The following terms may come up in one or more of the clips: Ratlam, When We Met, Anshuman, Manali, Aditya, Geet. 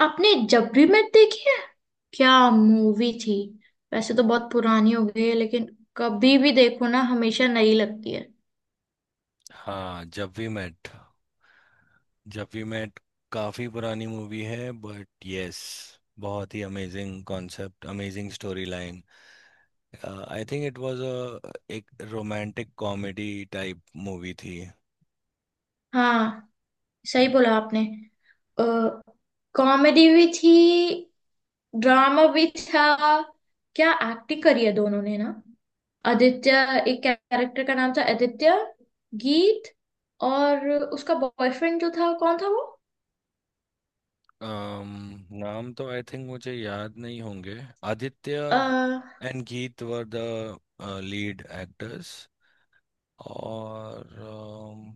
आपने जब भी मैं देखी है, क्या मूवी थी। वैसे तो बहुत पुरानी हो गई है, लेकिन कभी भी देखो ना, हमेशा नई लगती है। हाँ, जब वी मेट। जब वी मेट काफी पुरानी मूवी है बट यस। बहुत ही amazing concept, amazing story line. I think it was a एक रोमांटिक कॉमेडी टाइप मूवी थी। हाँ, सही बोला आपने। कॉमेडी भी थी, ड्रामा भी था। क्या एक्टिंग करी है दोनों ने ना। आदित्य, एक कैरेक्टर का नाम था आदित्य। गीत, और उसका बॉयफ्रेंड जो था, कौन था? um, नाम तो आई थिंक मुझे याद नहीं होंगे। आदित्य वो... and Geet were the lead actors. और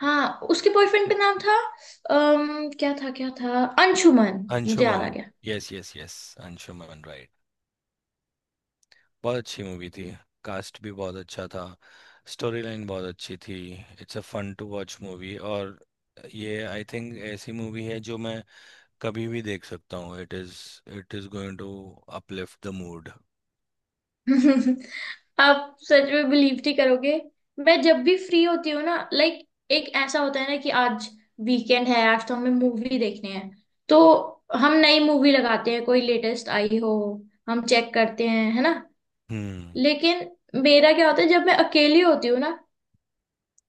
हाँ, उसके बॉयफ्रेंड का नाम था क्या था क्या था, अंशुमन, मुझे याद अंशुमन। आ गया। Yes yes yes, Anshuman right. बहुत अच्छी मूवी थी। कास्ट भी बहुत अच्छा था। स्टोरी लाइन बहुत अच्छी थी। It's a fun to watch movie. और ये आई थिंक ऐसी मूवी है जो मैं कभी भी देख सकता हूँ। It is going to uplift the mood. आप सच में बिलीव नहीं करोगे। मैं जब भी फ्री होती हूँ ना, लाइक एक ऐसा होता है ना कि आज वीकेंड है, आज तो हमें मूवी देखने हैं। तो हम नई मूवी लगाते हैं, कोई लेटेस्ट आई हो हम चेक करते हैं, है ना। हम्म। लेकिन मेरा क्या होता है, जब मैं अकेली होती हूँ ना,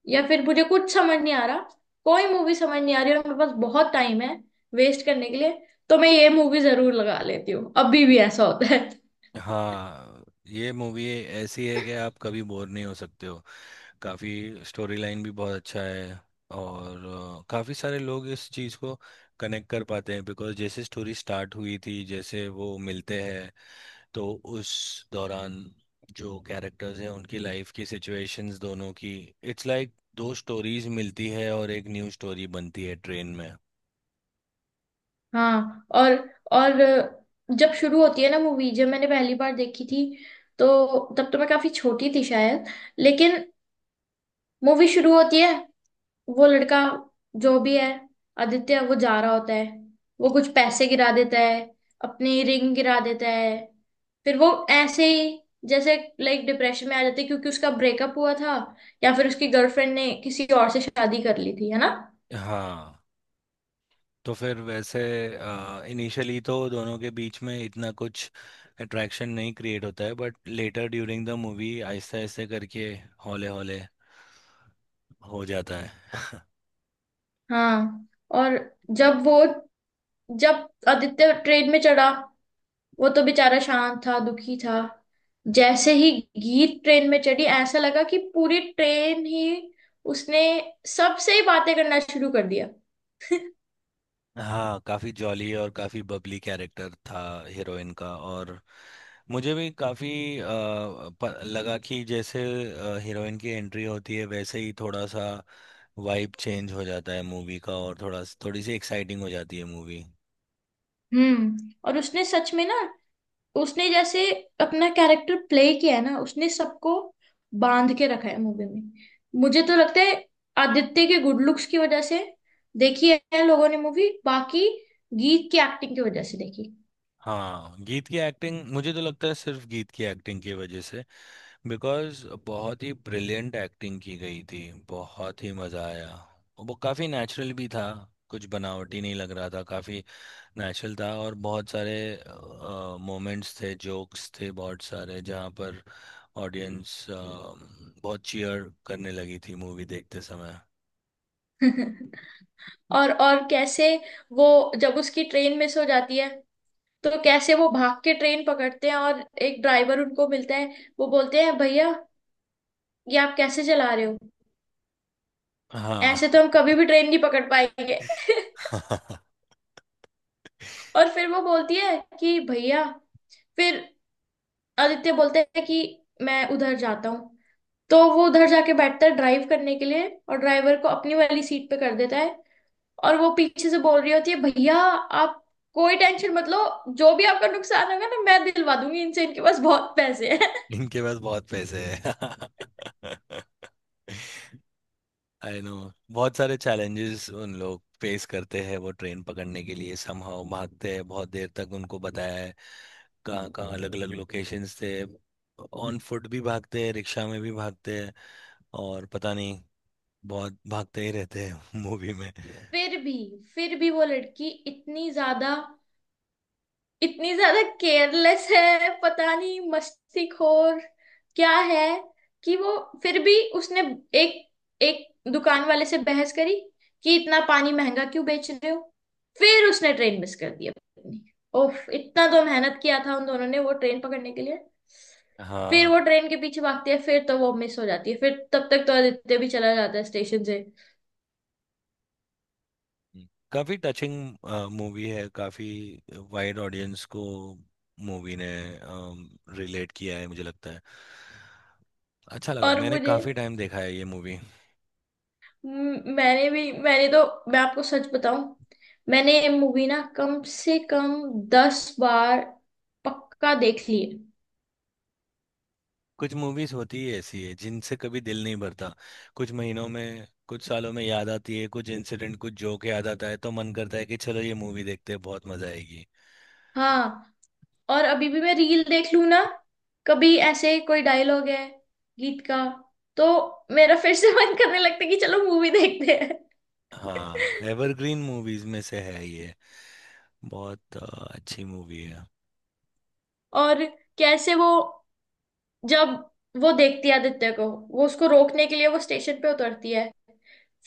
या फिर मुझे कुछ समझ नहीं आ रहा, कोई मूवी समझ नहीं आ रही और मेरे पास बहुत टाइम है वेस्ट करने के लिए, तो मैं ये मूवी जरूर लगा लेती हूँ। अभी भी ऐसा होता है। हाँ, ये मूवी ऐसी है कि आप कभी बोर नहीं हो सकते हो। काफ़ी स्टोरी लाइन भी बहुत अच्छा है। और काफ़ी सारे लोग इस चीज़ को कनेक्ट कर पाते हैं, बिकॉज जैसे स्टोरी स्टार्ट हुई थी, जैसे वो मिलते हैं, तो उस दौरान जो कैरेक्टर्स हैं उनकी लाइफ की सिचुएशंस दोनों की। इट्स लाइक दो स्टोरीज मिलती है और एक न्यू स्टोरी बनती है ट्रेन में। हाँ। और जब शुरू होती है ना मूवी, जब मैंने पहली बार देखी थी, तो तब तो मैं काफी छोटी थी शायद। लेकिन मूवी शुरू होती है, वो लड़का जो भी है, आदित्य, वो जा रहा होता है। वो कुछ पैसे गिरा देता है, अपनी रिंग गिरा देता है। फिर वो ऐसे ही जैसे लाइक डिप्रेशन में आ जाते, क्योंकि उसका ब्रेकअप हुआ था, या फिर उसकी गर्लफ्रेंड ने किसी और से शादी कर ली थी, है ना। हाँ, तो फिर वैसे इनिशियली तो दोनों के बीच में इतना कुछ अट्रैक्शन नहीं क्रिएट होता है, but later during the movie आहिस्ते आहिस्ते करके, हौले हौले हो जाता है। हाँ, और जब वो, जब आदित्य ट्रेन में चढ़ा, वो तो बेचारा शांत था, दुखी था। जैसे ही गीत ट्रेन में चढ़ी, ऐसा लगा कि पूरी ट्रेन ही उसने, सबसे ही बातें करना शुरू कर दिया। हाँ, काफ़ी जॉली और काफ़ी बबली कैरेक्टर था हीरोइन का। और मुझे भी काफी अ, लगा कि जैसे हीरोइन की एंट्री होती है वैसे ही थोड़ा सा वाइब चेंज हो जाता है मूवी का, और थोड़ा थोड़ी सी एक्साइटिंग हो जाती है मूवी। हम्म, और उसने सच में ना, उसने जैसे अपना कैरेक्टर प्ले किया है ना, उसने सबको बांध के रखा है मूवी में। मुझे तो लगता है आदित्य के गुड लुक्स की वजह से देखी है लोगों ने मूवी, बाकी गीत की एक्टिंग की वजह से देखी। हाँ, गीत की एक्टिंग, मुझे तो लगता है सिर्फ गीत की एक्टिंग की वजह से, बिकॉज बहुत ही ब्रिलियंट एक्टिंग की गई थी। बहुत ही मजा आया। वो काफी नेचुरल भी था, कुछ बनावटी नहीं लग रहा था, काफी नेचुरल था। और बहुत सारे मोमेंट्स थे, जोक्स थे बहुत सारे, जहाँ पर ऑडियंस बहुत चीयर करने लगी थी मूवी देखते समय। और कैसे वो, जब उसकी ट्रेन मिस हो जाती है, तो कैसे वो भाग के ट्रेन पकड़ते हैं और एक ड्राइवर उनको मिलता है। वो बोलते हैं, भैया ये आप कैसे चला रहे हो, ऐसे हाँ। तो हम कभी भी ट्रेन नहीं पकड़ पाएंगे। और फिर वो बोलती है कि भैया, फिर आदित्य बोलता है कि मैं उधर जाता हूँ, तो वो उधर जाके बैठता है ड्राइव करने के लिए और ड्राइवर को अपनी वाली सीट पे कर देता है। और वो पीछे से बोल रही होती है, भैया आप कोई टेंशन मत लो, जो भी आपका नुकसान होगा ना, मैं दिलवा दूंगी इनसे, इनके पास बहुत पैसे हैं। इनके पास बहुत पैसे हैं। I know. बहुत सारे चैलेंजेस उन लोग फेस करते हैं, वो ट्रेन पकड़ने के लिए समहाउ भागते हैं बहुत देर तक, उनको बताया है कहाँ कहाँ अलग अलग लोकेशंस थे। ऑन फुट भी भागते हैं, रिक्शा में भी भागते हैं, और पता नहीं बहुत भागते ही रहते हैं मूवी में। हाँ। फिर भी फिर भी वो लड़की इतनी ज्यादा केयरलेस है, पता नहीं, मस्तीखोर क्या है, कि वो फिर भी उसने एक एक दुकान वाले से बहस करी कि इतना पानी महंगा क्यों बेच रहे हो। फिर उसने ट्रेन मिस कर दी अपनी। ओफ, इतना तो मेहनत किया था उन दोनों ने वो ट्रेन पकड़ने के लिए। फिर हाँ, वो ट्रेन के पीछे भागती है, फिर तो वो मिस हो जाती है, फिर तब तक तो आदित्य भी चला जाता है स्टेशन से। काफी टचिंग मूवी है। काफी वाइड ऑडियंस को मूवी ने रिलेट किया है मुझे लगता है। अच्छा लगा, और मैंने मुझे काफी टाइम देखा है ये मूवी। म- मैंने भी मैंने तो मैं आपको सच बताऊं, मैंने ये मूवी ना कम से कम 10 बार पक्का देख ली है। कुछ मूवीज होती है ऐसी है जिनसे कभी दिल नहीं भरता। कुछ महीनों में, कुछ सालों में याद आती है, कुछ इंसिडेंट, कुछ जोक याद आता है, तो मन करता है कि चलो ये मूवी देखते हैं, बहुत मजा आएगी। हाँ, और अभी भी मैं रील देख लूं ना, कभी ऐसे कोई डायलॉग है गीत का, तो मेरा फिर से मन करने लगता है कि चलो मूवी देखते हैं। हाँ, एवरग्रीन मूवीज में से है ये। बहुत अच्छी मूवी है। और कैसे वो, जब वो देखती है आदित्य को, वो उसको रोकने के लिए वो स्टेशन पे उतरती है।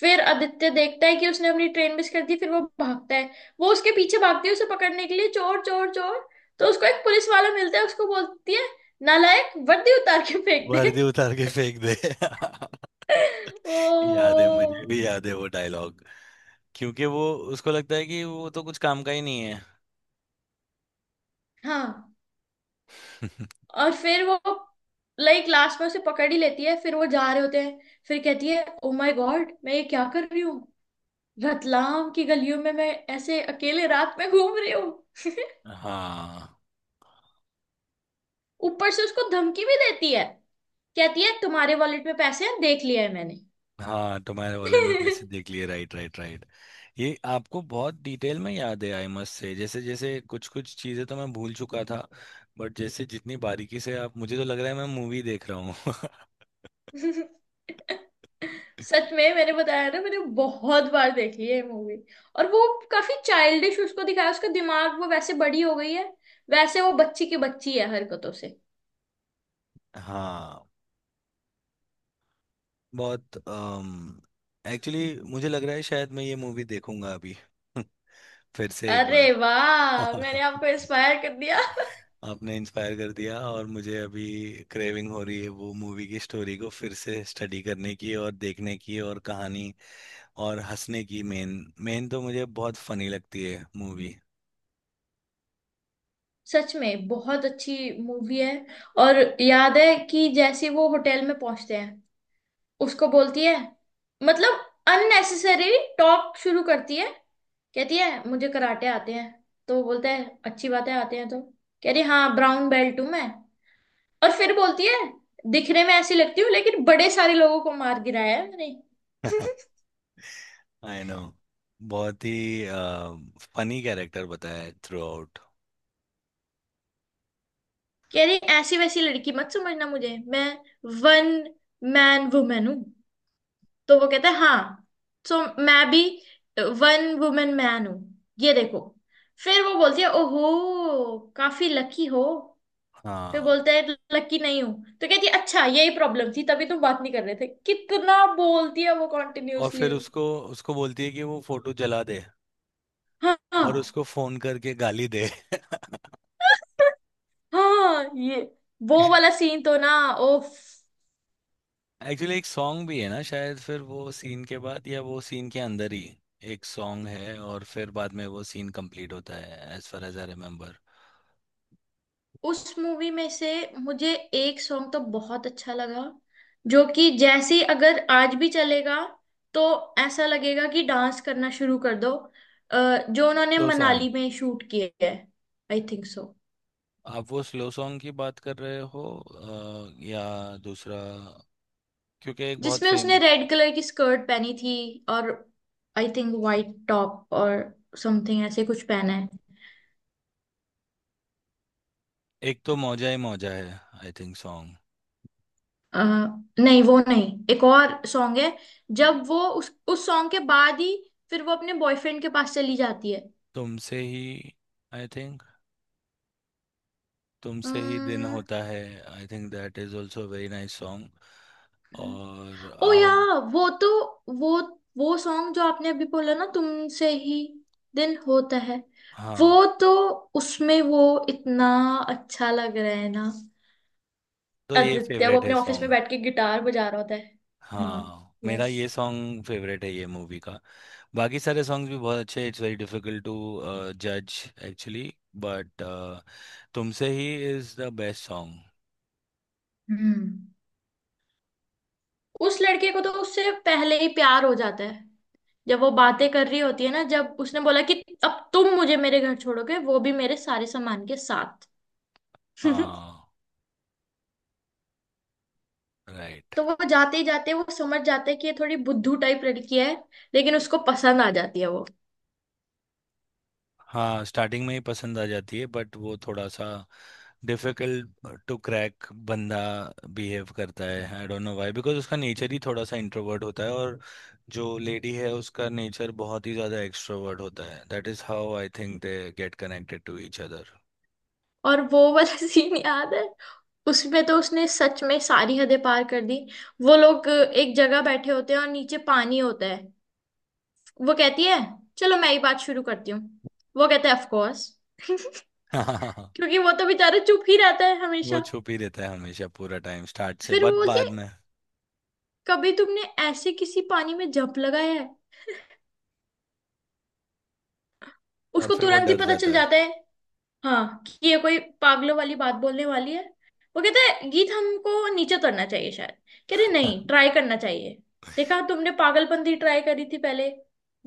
फिर आदित्य देखता है कि उसने अपनी ट्रेन मिस कर दी, फिर वो भागता है, वो उसके पीछे भागती है उसे पकड़ने के लिए, चोर चोर चोर। तो उसको एक पुलिस वाला मिलता है, उसको बोलती है नालायक वर्दी उतार के फेंक दे। वर्दी उतार के फेंक दे। याद ओ, है, मुझे भी याद है वो डायलॉग। क्योंकि वो, उसको लगता है कि वो तो कुछ काम का ही नहीं है। हाँ, और फिर वो लाइक लास्ट में उसे पकड़ ही लेती है, फिर वो जा रहे होते हैं, फिर कहती है ओ माय गॉड मैं ये क्या कर रही हूँ, रतलाम की गलियों में मैं ऐसे अकेले रात में घूम रही हूँ। हाँ। ऊपर से उसको धमकी भी देती है, कहती है तुम्हारे वॉलेट में पैसे हैं देख लिया है मैंने। हाँ, तुम्हारे वॉलेट में पैसे देख लिए। Right right right. ये आपको बहुत डिटेल में याद है, आई मस्ट से। जैसे जैसे कुछ कुछ चीजें तो मैं भूल चुका था, बट जैसे जितनी बारीकी से आप, मुझे तो लग रहा है मैं मूवी देख रहा हूँ। सच में, मैंने बताया ना, मैंने बहुत बार देखी है मूवी। और वो काफी चाइल्डिश उसको दिखाया, उसका दिमाग। वो वैसे बड़ी हो गई है, वैसे वो बच्ची की बच्ची है हरकतों से। हाँ, बहुत। एक्चुअली मुझे लग रहा है शायद मैं ये मूवी देखूंगा अभी, फिर से एक बार। अरे वाह, मैंने आपको इंस्पायर कर दिया। आपने इंस्पायर कर दिया, और मुझे अभी क्रेविंग हो रही है वो मूवी की स्टोरी को फिर से स्टडी करने की और देखने की और कहानी और हंसने की। मेन मेन तो मुझे बहुत फनी लगती है मूवी। सच में बहुत अच्छी मूवी है। और याद है कि जैसे वो होटल में पहुंचते हैं, उसको बोलती है, मतलब अननेसेसरी टॉक शुरू करती है। कहती है मुझे कराटे आते हैं, तो वो बोलता है अच्छी बात है, आते हैं तो। कह रही हाँ, ब्राउन बेल्ट हूँ मैं। और फिर बोलती है दिखने में ऐसी लगती हूँ, लेकिन बड़े सारे लोगों को मार गिराया है मैंने। I know. बहुत ही फनी कैरेक्टर बताया है थ्रू आउट। कह रही ऐसी वैसी लड़की मत समझना मुझे, मैं वन मैन वुमेन हूँ। तो वो कहता है हाँ, सो मैं भी वन वुमेन मैन हूँ, ये देखो। फिर वो बोलती है ओहो, काफी लकी हो। फिर हाँ, बोलता है लकी नहीं हूँ। तो कहती है अच्छा, यही प्रॉब्लम थी, तभी तुम बात नहीं कर रहे थे। कितना बोलती है वो और कॉन्टिन्यूअसली। फिर उसको, बोलती है कि वो फोटो जला दे, हाँ, और हाँ। उसको फोन करके गाली दे। हाँ, ये वो वाला सीन तो ना, ओफ। एक्चुअली एक सॉन्ग भी है ना शायद, फिर वो सीन के बाद, या वो सीन के अंदर ही एक सॉन्ग है, और फिर बाद में वो सीन कंप्लीट होता है, as far as I remember. उस मूवी में से मुझे एक सॉन्ग तो बहुत अच्छा लगा, जो कि जैसे ही अगर आज भी चलेगा, तो ऐसा लगेगा कि डांस करना शुरू कर दो। जो उन्होंने स्लो सॉन्ग। मनाली में शूट किया है। I think so. आप वो स्लो सॉन्ग की बात कर रहे हो या दूसरा, क्योंकि एक बहुत जिसमें उसने फेमस रेड कलर की स्कर्ट पहनी थी, और आई थिंक वाइट टॉप और समथिंग, ऐसे कुछ पहना है। एक तो मौजा ही मौजा है, आई थिंक सॉन्ग। अ, नहीं वो नहीं, एक और सॉन्ग है। जब वो उस सॉन्ग के बाद ही फिर वो अपने बॉयफ्रेंड के पास चली जाती तुमसे ही, आई थिंक, है। तुमसे ही दिन होता है। I think that is also very nice song. और ओ आओ। या, वो तो... वो वो सॉन्ग जो आपने अभी बोला ना, तुमसे ही दिन होता है, वो हाँ, तो उसमें वो इतना अच्छा लग रहा है ना। तो ये आदित्य वो फेवरेट है अपने ऑफिस में सॉन्ग। बैठ के गिटार बजा रहा होता है। हाँ, हाँ, मेरा यस। ये सॉन्ग फेवरेट है ये मूवी का। बाकी सारे सॉन्ग्स भी बहुत अच्छे, इट्स वेरी डिफिकल्ट टू जज एक्चुअली, बट तुमसे ही is the best song. Hmm. उस लड़के को तो उससे पहले ही प्यार हो जाता है, जब वो बातें कर रही होती है ना, जब उसने बोला कि अब तुम मुझे मेरे घर छोड़ोगे, वो भी मेरे सारे सामान के साथ। हाँ, राइट। तो वो जाते ही जाते वो समझ जाता है कि ये थोड़ी बुद्धू टाइप लड़की है, लेकिन उसको पसंद आ जाती है वो। हाँ, स्टार्टिंग में ही पसंद आ जाती है, बट वो थोड़ा सा डिफिकल्ट टू क्रैक बंदा बिहेव करता है, I don't know why, because उसका नेचर ही थोड़ा सा इंट्रोवर्ट होता है, और जो लेडी है उसका नेचर बहुत ही ज़्यादा एक्सट्रोवर्ट होता है, that is how I think they get connected to each other. और वो वाला सीन याद है, उसमें तो उसने सच में सारी हदें पार कर दी। वो लोग एक जगह बैठे होते हैं और नीचे पानी होता है। वो कहती है चलो मैं ही बात शुरू करती हूँ। वो कहता है ऑफ कोर्स, हाँ, क्योंकि वो तो बेचारा चुप ही रहता है वो हमेशा। छुप ही रहता है हमेशा पूरा टाइम स्टार्ट से, फिर वो बट बोलती बाद है में। कभी तुमने ऐसे किसी पानी में जंप लगाया है। और उसको फिर वो तुरंत ही डर पता चल जाता है। जाता है, हाँ, कि ये कोई पागलों वाली बात बोलने वाली है। वो कहते हैं गीत हमको नीचे उतरना चाहिए शायद। कह रहे नहीं ट्राई करना चाहिए, देखा तुमने पागलपंती ट्राई करी थी पहले,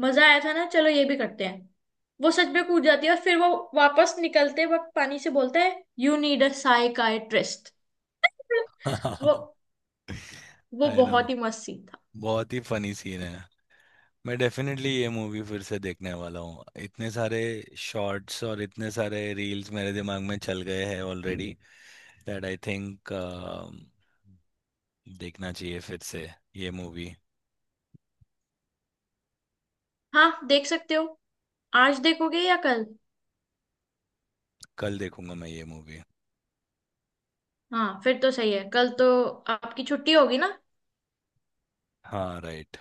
मजा आया था ना, चलो ये भी करते हैं। वो सच में कूद जाती है और फिर वो वापस निकलते वक्त पानी से बोलता है यू नीड अ साइकाइट्रिस्ट। वो वो आई नो, बहुत ही मस्त सीन था। बहुत ही फनी सीन है। मैं डेफिनेटली ये मूवी फिर से देखने वाला हूँ, इतने सारे शॉर्ट्स और इतने सारे रील्स मेरे दिमाग में चल गए हैं ऑलरेडी, दैट आई थिंक देखना चाहिए फिर से ये मूवी। हाँ, देख सकते हो। आज देखोगे या कल? कल देखूंगा मैं ये मूवी। हाँ, फिर तो सही है, कल तो आपकी छुट्टी होगी ना। हाँ, राइट।